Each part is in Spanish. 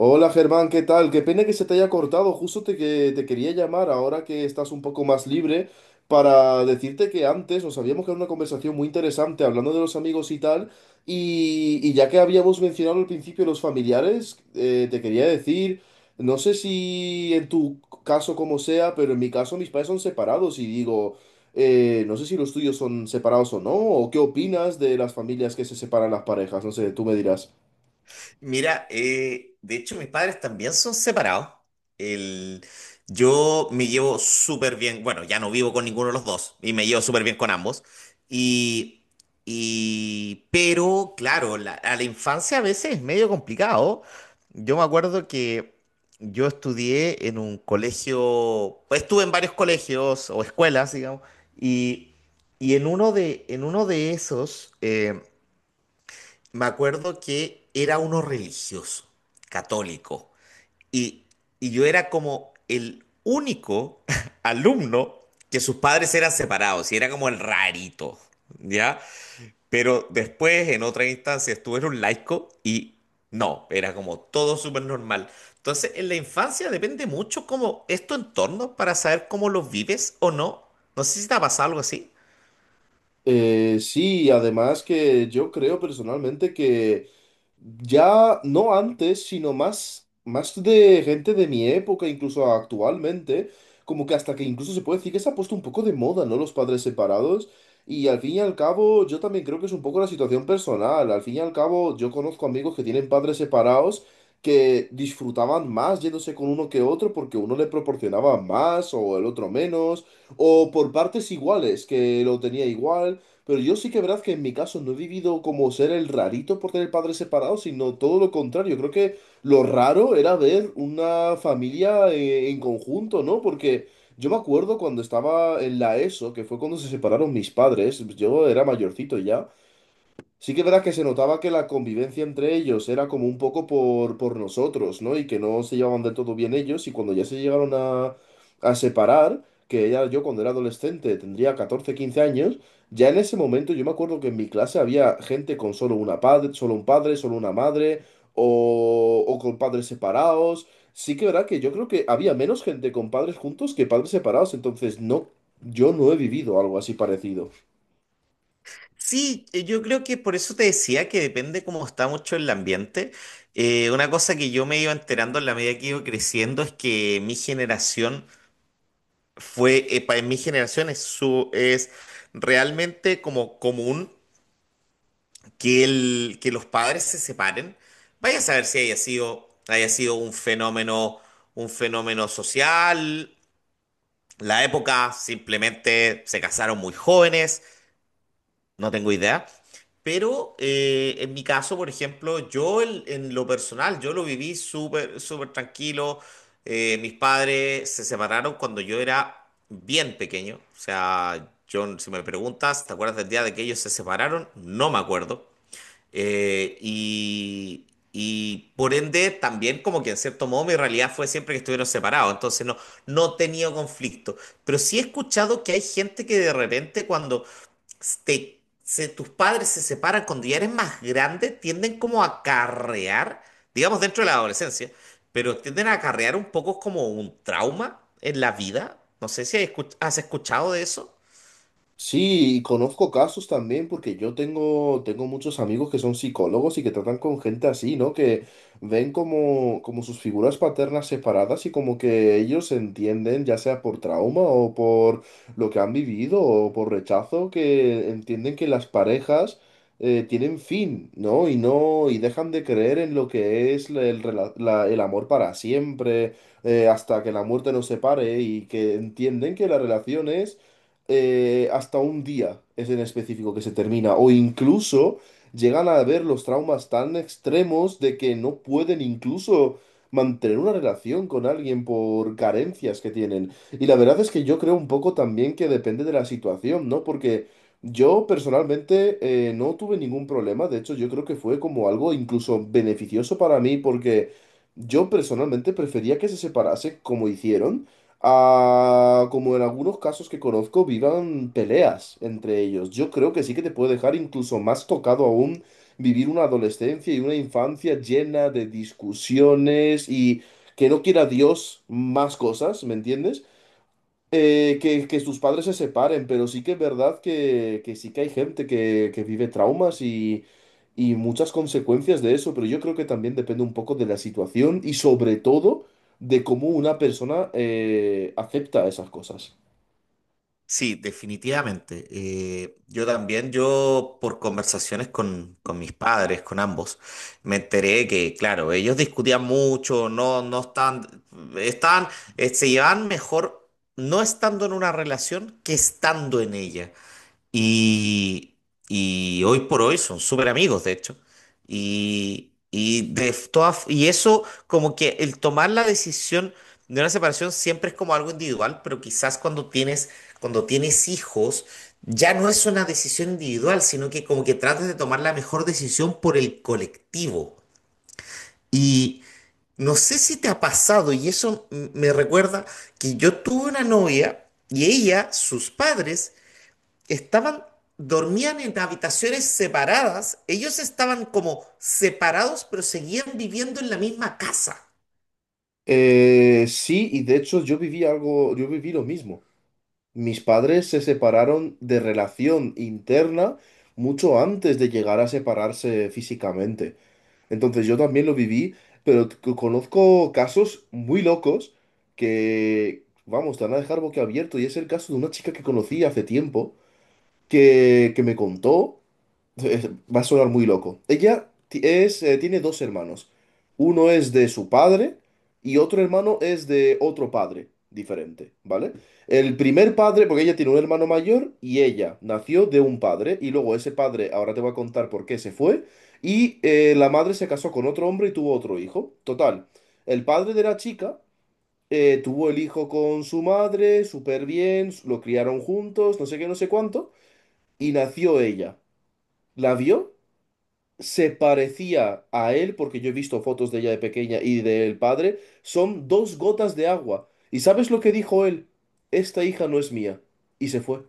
Hola Germán, ¿qué tal? Qué pena que se te haya cortado. Justo te quería llamar ahora que estás un poco más libre para decirte que antes nos habíamos quedado en una conversación muy interesante hablando de los amigos y tal. Y ya que habíamos mencionado al principio los familiares, te quería decir, no sé si en tu caso como sea, pero en mi caso mis padres son separados y digo, no sé si los tuyos son separados o no, o qué opinas de las familias que se separan las parejas. No sé, tú me dirás. Mira, de hecho mis padres también son separados. El, yo me llevo súper bien, bueno, ya no vivo con ninguno de los dos y me llevo súper bien con ambos. Y, y pero claro, a la infancia a veces es medio complicado. Yo me acuerdo que yo estudié en un colegio, pues, estuve en varios colegios o escuelas, digamos, y, y en uno de esos, me acuerdo que era uno religioso, católico, y, y yo era como el único alumno que sus padres eran separados, y era como el rarito, ¿ya? Pero después, en otra instancia, estuve en un laico y no, era como todo súper normal. Entonces, en la infancia depende mucho como es tu entorno para saber cómo lo vives o no. No sé si te ha pasado algo así. Sí, además que yo creo personalmente que ya no antes, sino más de gente de mi época, incluso actualmente, como que hasta que incluso se puede decir que se ha puesto un poco de moda, ¿no? Los padres separados. Y al fin y al cabo, yo también creo que es un poco la situación personal. Al fin y al cabo, yo conozco amigos que tienen padres separados que disfrutaban más yéndose con uno que otro porque uno le proporcionaba más o el otro menos, o por partes iguales, que lo tenía igual. Pero yo sí que verdad que en mi caso no he vivido como ser el rarito por tener padres separados, sino todo lo contrario. Creo que lo raro era ver una familia en conjunto, ¿no? Porque yo me acuerdo cuando estaba en la ESO, que fue cuando se separaron mis padres, yo era mayorcito ya. Sí que es verdad que se notaba que la convivencia entre ellos era como un poco por nosotros, ¿no? Y que no se llevaban del todo bien ellos y cuando ya se llegaron a separar, que ella, yo cuando era adolescente tendría 14 15 años, ya en ese momento yo me acuerdo que en mi clase había gente con solo un padre, solo una madre o con padres separados. Sí que es verdad que yo creo que había menos gente con padres juntos que padres separados, entonces no, yo no he vivido algo así parecido. Sí, yo creo que por eso te decía que depende cómo está mucho el ambiente. Una cosa que yo me iba enterando en la medida que iba creciendo es que mi generación en mi generación es realmente como común que los padres se separen. Vaya a saber si haya sido un fenómeno, social, la época, simplemente se casaron muy jóvenes. No tengo idea. Pero en mi caso, por ejemplo, yo en lo personal, yo lo viví súper, súper tranquilo. Mis padres se separaron cuando yo era bien pequeño. O sea, yo, si me preguntas, ¿te acuerdas del día de que ellos se separaron? No me acuerdo. Y por ende, también como que en cierto modo mi realidad fue siempre que estuvieron separados, entonces no, no he tenido conflicto. Pero sí he escuchado que hay gente que de repente cuando tus padres se separan cuando ya eres más grande, tienden como a acarrear, digamos dentro de la adolescencia, pero tienden a acarrear un poco como un trauma en la vida. No sé si has escuchado de eso. Sí, y conozco casos también porque yo tengo muchos amigos que son psicólogos y que tratan con gente así, ¿no? Que ven como, como sus figuras paternas separadas y como que ellos entienden, ya sea por trauma o por lo que han vivido o por rechazo, que entienden que las parejas tienen fin, ¿no? Y no, y dejan de creer en lo que es el amor para siempre, hasta que la muerte nos separe y que entienden que la relación es hasta un día es en específico que se termina, o incluso llegan a ver los traumas tan extremos de que no pueden incluso mantener una relación con alguien por carencias que tienen. Y la verdad es que yo creo un poco también que depende de la situación, ¿no? Porque yo personalmente no tuve ningún problema, de hecho yo creo que fue como algo incluso beneficioso para mí porque... Yo personalmente prefería que se separase como hicieron, a, como en algunos casos que conozco, vivan peleas entre ellos. Yo creo que sí que te puede dejar incluso más tocado aún vivir una adolescencia y una infancia llena de discusiones y que no quiera Dios más cosas, ¿me entiendes? Que sus padres se separen, pero sí que es verdad que sí que hay gente que vive traumas y muchas consecuencias de eso, pero yo creo que también depende un poco de la situación y sobre todo de cómo una persona acepta esas cosas. Sí, definitivamente. Yo también, yo por conversaciones con mis padres, con ambos, me enteré que, claro, ellos discutían mucho, no, no están, están, se llevan mejor no estando en una relación que estando en ella. Y, y hoy por hoy son súper amigos, de hecho. Y como que el tomar la decisión de una separación siempre es como algo individual, pero quizás cuando tienes hijos, ya no es una decisión individual, sino que como que tratas de tomar la mejor decisión por el colectivo. Y no sé si te ha pasado, y eso me recuerda que yo tuve una novia y ella, sus padres, Estaban, dormían en habitaciones separadas. Ellos estaban como separados, pero seguían viviendo en la misma casa. Sí, y de hecho yo viví algo, yo viví lo mismo. Mis padres se separaron de relación interna mucho antes de llegar a separarse físicamente. Entonces yo también lo viví, pero conozco casos muy locos que, vamos, te van a dejar boquiabierto. Y es el caso de una chica que conocí hace tiempo, que, que me contó, va a sonar muy loco. Ella tiene dos hermanos. Uno es de su padre y otro hermano es de otro padre diferente, ¿vale? El primer padre, porque ella tiene un hermano mayor y ella nació de un padre y luego ese padre, ahora te voy a contar por qué se fue, y la madre se casó con otro hombre y tuvo otro hijo. Total, el padre de la chica tuvo el hijo con su madre, súper bien, lo criaron juntos, no sé qué, no sé cuánto, y nació ella. La vio, se parecía a él, porque yo he visto fotos de ella de pequeña y del padre, son dos gotas de agua. ¿Y sabes lo que dijo él? Esta hija no es mía. Y se fue.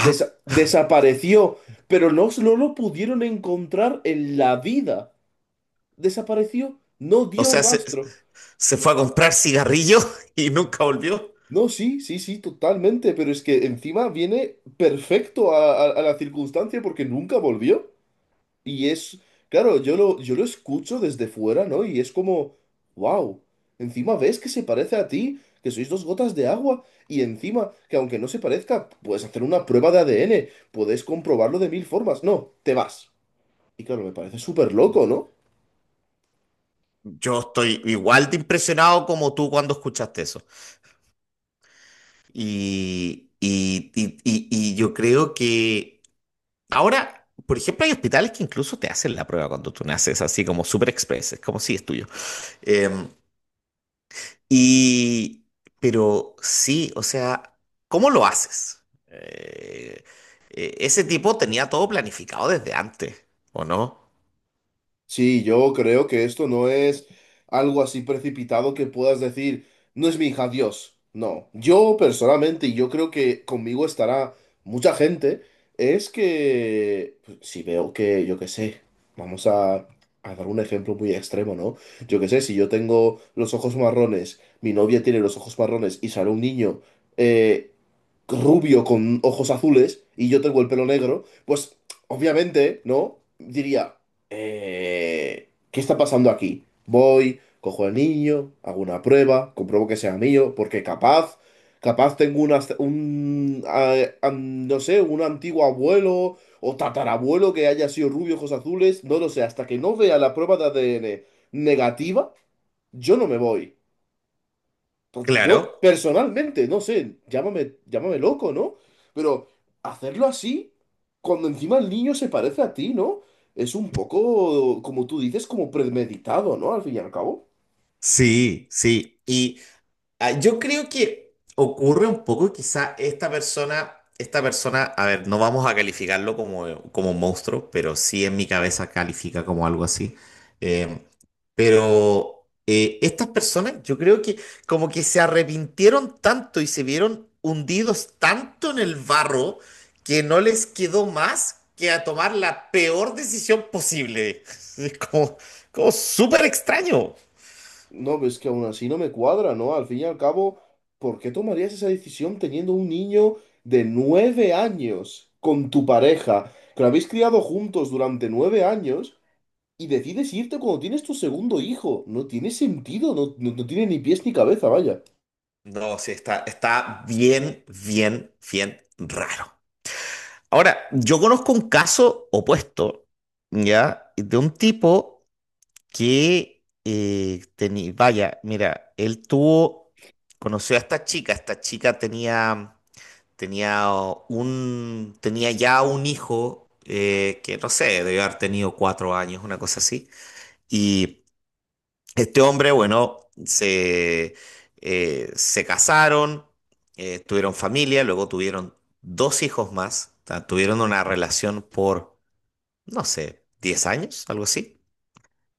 Desa- desapareció, pero no, no lo pudieron encontrar en la vida. Desapareció, no O dio sea, se, rastro. se fue a comprar cigarrillos y nunca volvió. No, sí, sí, sí, totalmente, pero es que encima viene perfecto a la circunstancia porque nunca volvió. Y es, claro, yo lo escucho desde fuera, ¿no? Y es como, wow, encima ves que se parece a ti, que sois dos gotas de agua, y encima, que aunque no se parezca, puedes hacer una prueba de ADN, puedes comprobarlo de mil formas. No, te vas. Y claro, me parece súper loco, ¿no? Yo estoy igual de impresionado como tú cuando escuchaste eso. Y yo creo que ahora, por ejemplo, hay hospitales que incluso te hacen la prueba cuando tú naces, así como super express, es como si es tuyo. Eh, Y, pero sí, o sea, ¿cómo lo haces? Ese tipo tenía todo planificado desde antes, ¿o no? Sí, yo creo que esto no es algo así precipitado que puedas decir, no es mi hija, Dios. No, yo personalmente, y yo creo que conmigo estará mucha gente, es que pues, si veo que, yo qué sé, vamos a dar un ejemplo muy extremo, ¿no? Yo qué sé, si yo tengo los ojos marrones, mi novia tiene los ojos marrones y sale un niño eh, rubio con ojos azules y yo tengo el pelo negro, pues obviamente, ¿no? Diría ¿qué está pasando aquí? Voy, cojo al niño, hago una prueba, compruebo que sea mío, porque capaz, capaz tengo una, un, ah, am- no sé, un antiguo abuelo o tatarabuelo que haya sido rubio, ojos azules, no lo sé, hasta que no vea la prueba de ADN negativa, yo no me voy. Entonces, yo Claro. personalmente, no sé, llámame, llámame loco, ¿no? Pero hacerlo así, cuando encima el niño se parece a ti, ¿no? Es un poco, como tú dices, como premeditado, ¿no? Al fin y al cabo. Sí, sí. Y yo creo que ocurre un poco, quizá esta persona, a ver, no vamos a calificarlo como, como un monstruo, pero sí en mi cabeza califica como algo así. Eh, Pero estas personas, yo creo que como que se arrepintieron tanto y se vieron hundidos tanto en el barro que no les quedó más que a tomar la peor decisión posible. Es como, como súper extraño. No, ves que aún así no me cuadra, ¿no? Al fin y al cabo, ¿por qué tomarías esa decisión teniendo un niño de 9 años con tu pareja, que lo habéis criado juntos durante 9 años, y decides irte cuando tienes tu segundo hijo? No tiene sentido, no, no no tiene ni pies ni cabeza, vaya. No, sí, está bien, bien, bien raro. Ahora, yo conozco un caso opuesto, ¿ya? De un tipo que vaya, mira, conoció a esta chica. Esta chica tenía ya un hijo que no sé, debió haber tenido 4 años, una cosa así, y este hombre, bueno, se, se casaron, tuvieron familia, luego tuvieron dos hijos más, o sea, tuvieron una relación por, no sé, 10 años, algo así.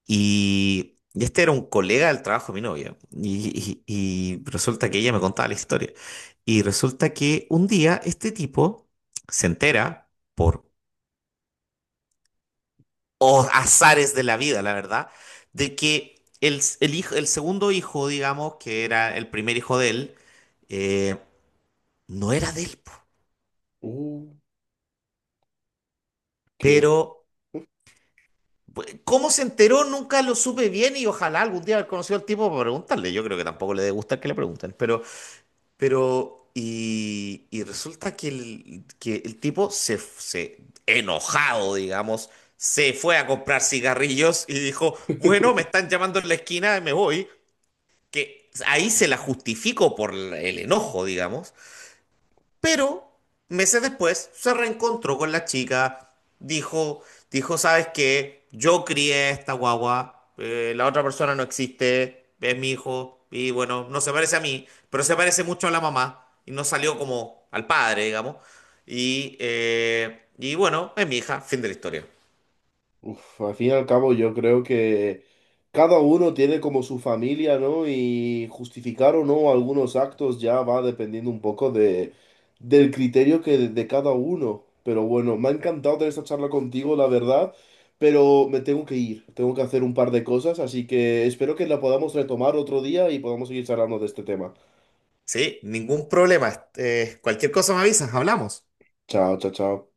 Y este era un colega del trabajo de mi novia. Y resulta que ella me contaba la historia. Y resulta que un día este tipo se entera, por azares de la vida, la verdad, de que el hijo, el segundo hijo, digamos, que era el primer hijo de él, eh, no era de él. Po. Uh, que, Pero cómo se enteró nunca lo supe bien y ojalá algún día haber conocido al tipo para preguntarle. Yo creo que tampoco le debe gustar que le pregunten, pero. Pero, y resulta que que el tipo enojado, digamos, se fue a comprar cigarrillos y dijo, bueno, me están llamando en la esquina, me voy. Que ahí se la justifico por el enojo, digamos. Pero meses después se reencontró con la chica, dijo, dijo, ¿sabes qué? Yo crié esta guagua, la otra persona no existe, es mi hijo, y bueno, no se parece a mí, pero se parece mucho a la mamá, y no salió como al padre, digamos. Y bueno, es mi hija, fin de la historia. Al fin y al cabo yo creo que cada uno tiene como su familia, ¿no? Y justificar o no algunos actos ya va dependiendo un poco del criterio de cada uno. Pero bueno, me ha encantado tener esta charla contigo, la verdad, pero me tengo que ir, tengo que hacer un par de cosas, así que espero que la podamos retomar otro día y podamos seguir charlando de este tema. Sí, ningún problema. Cualquier cosa me avisas, hablamos. Chao, chao, chao.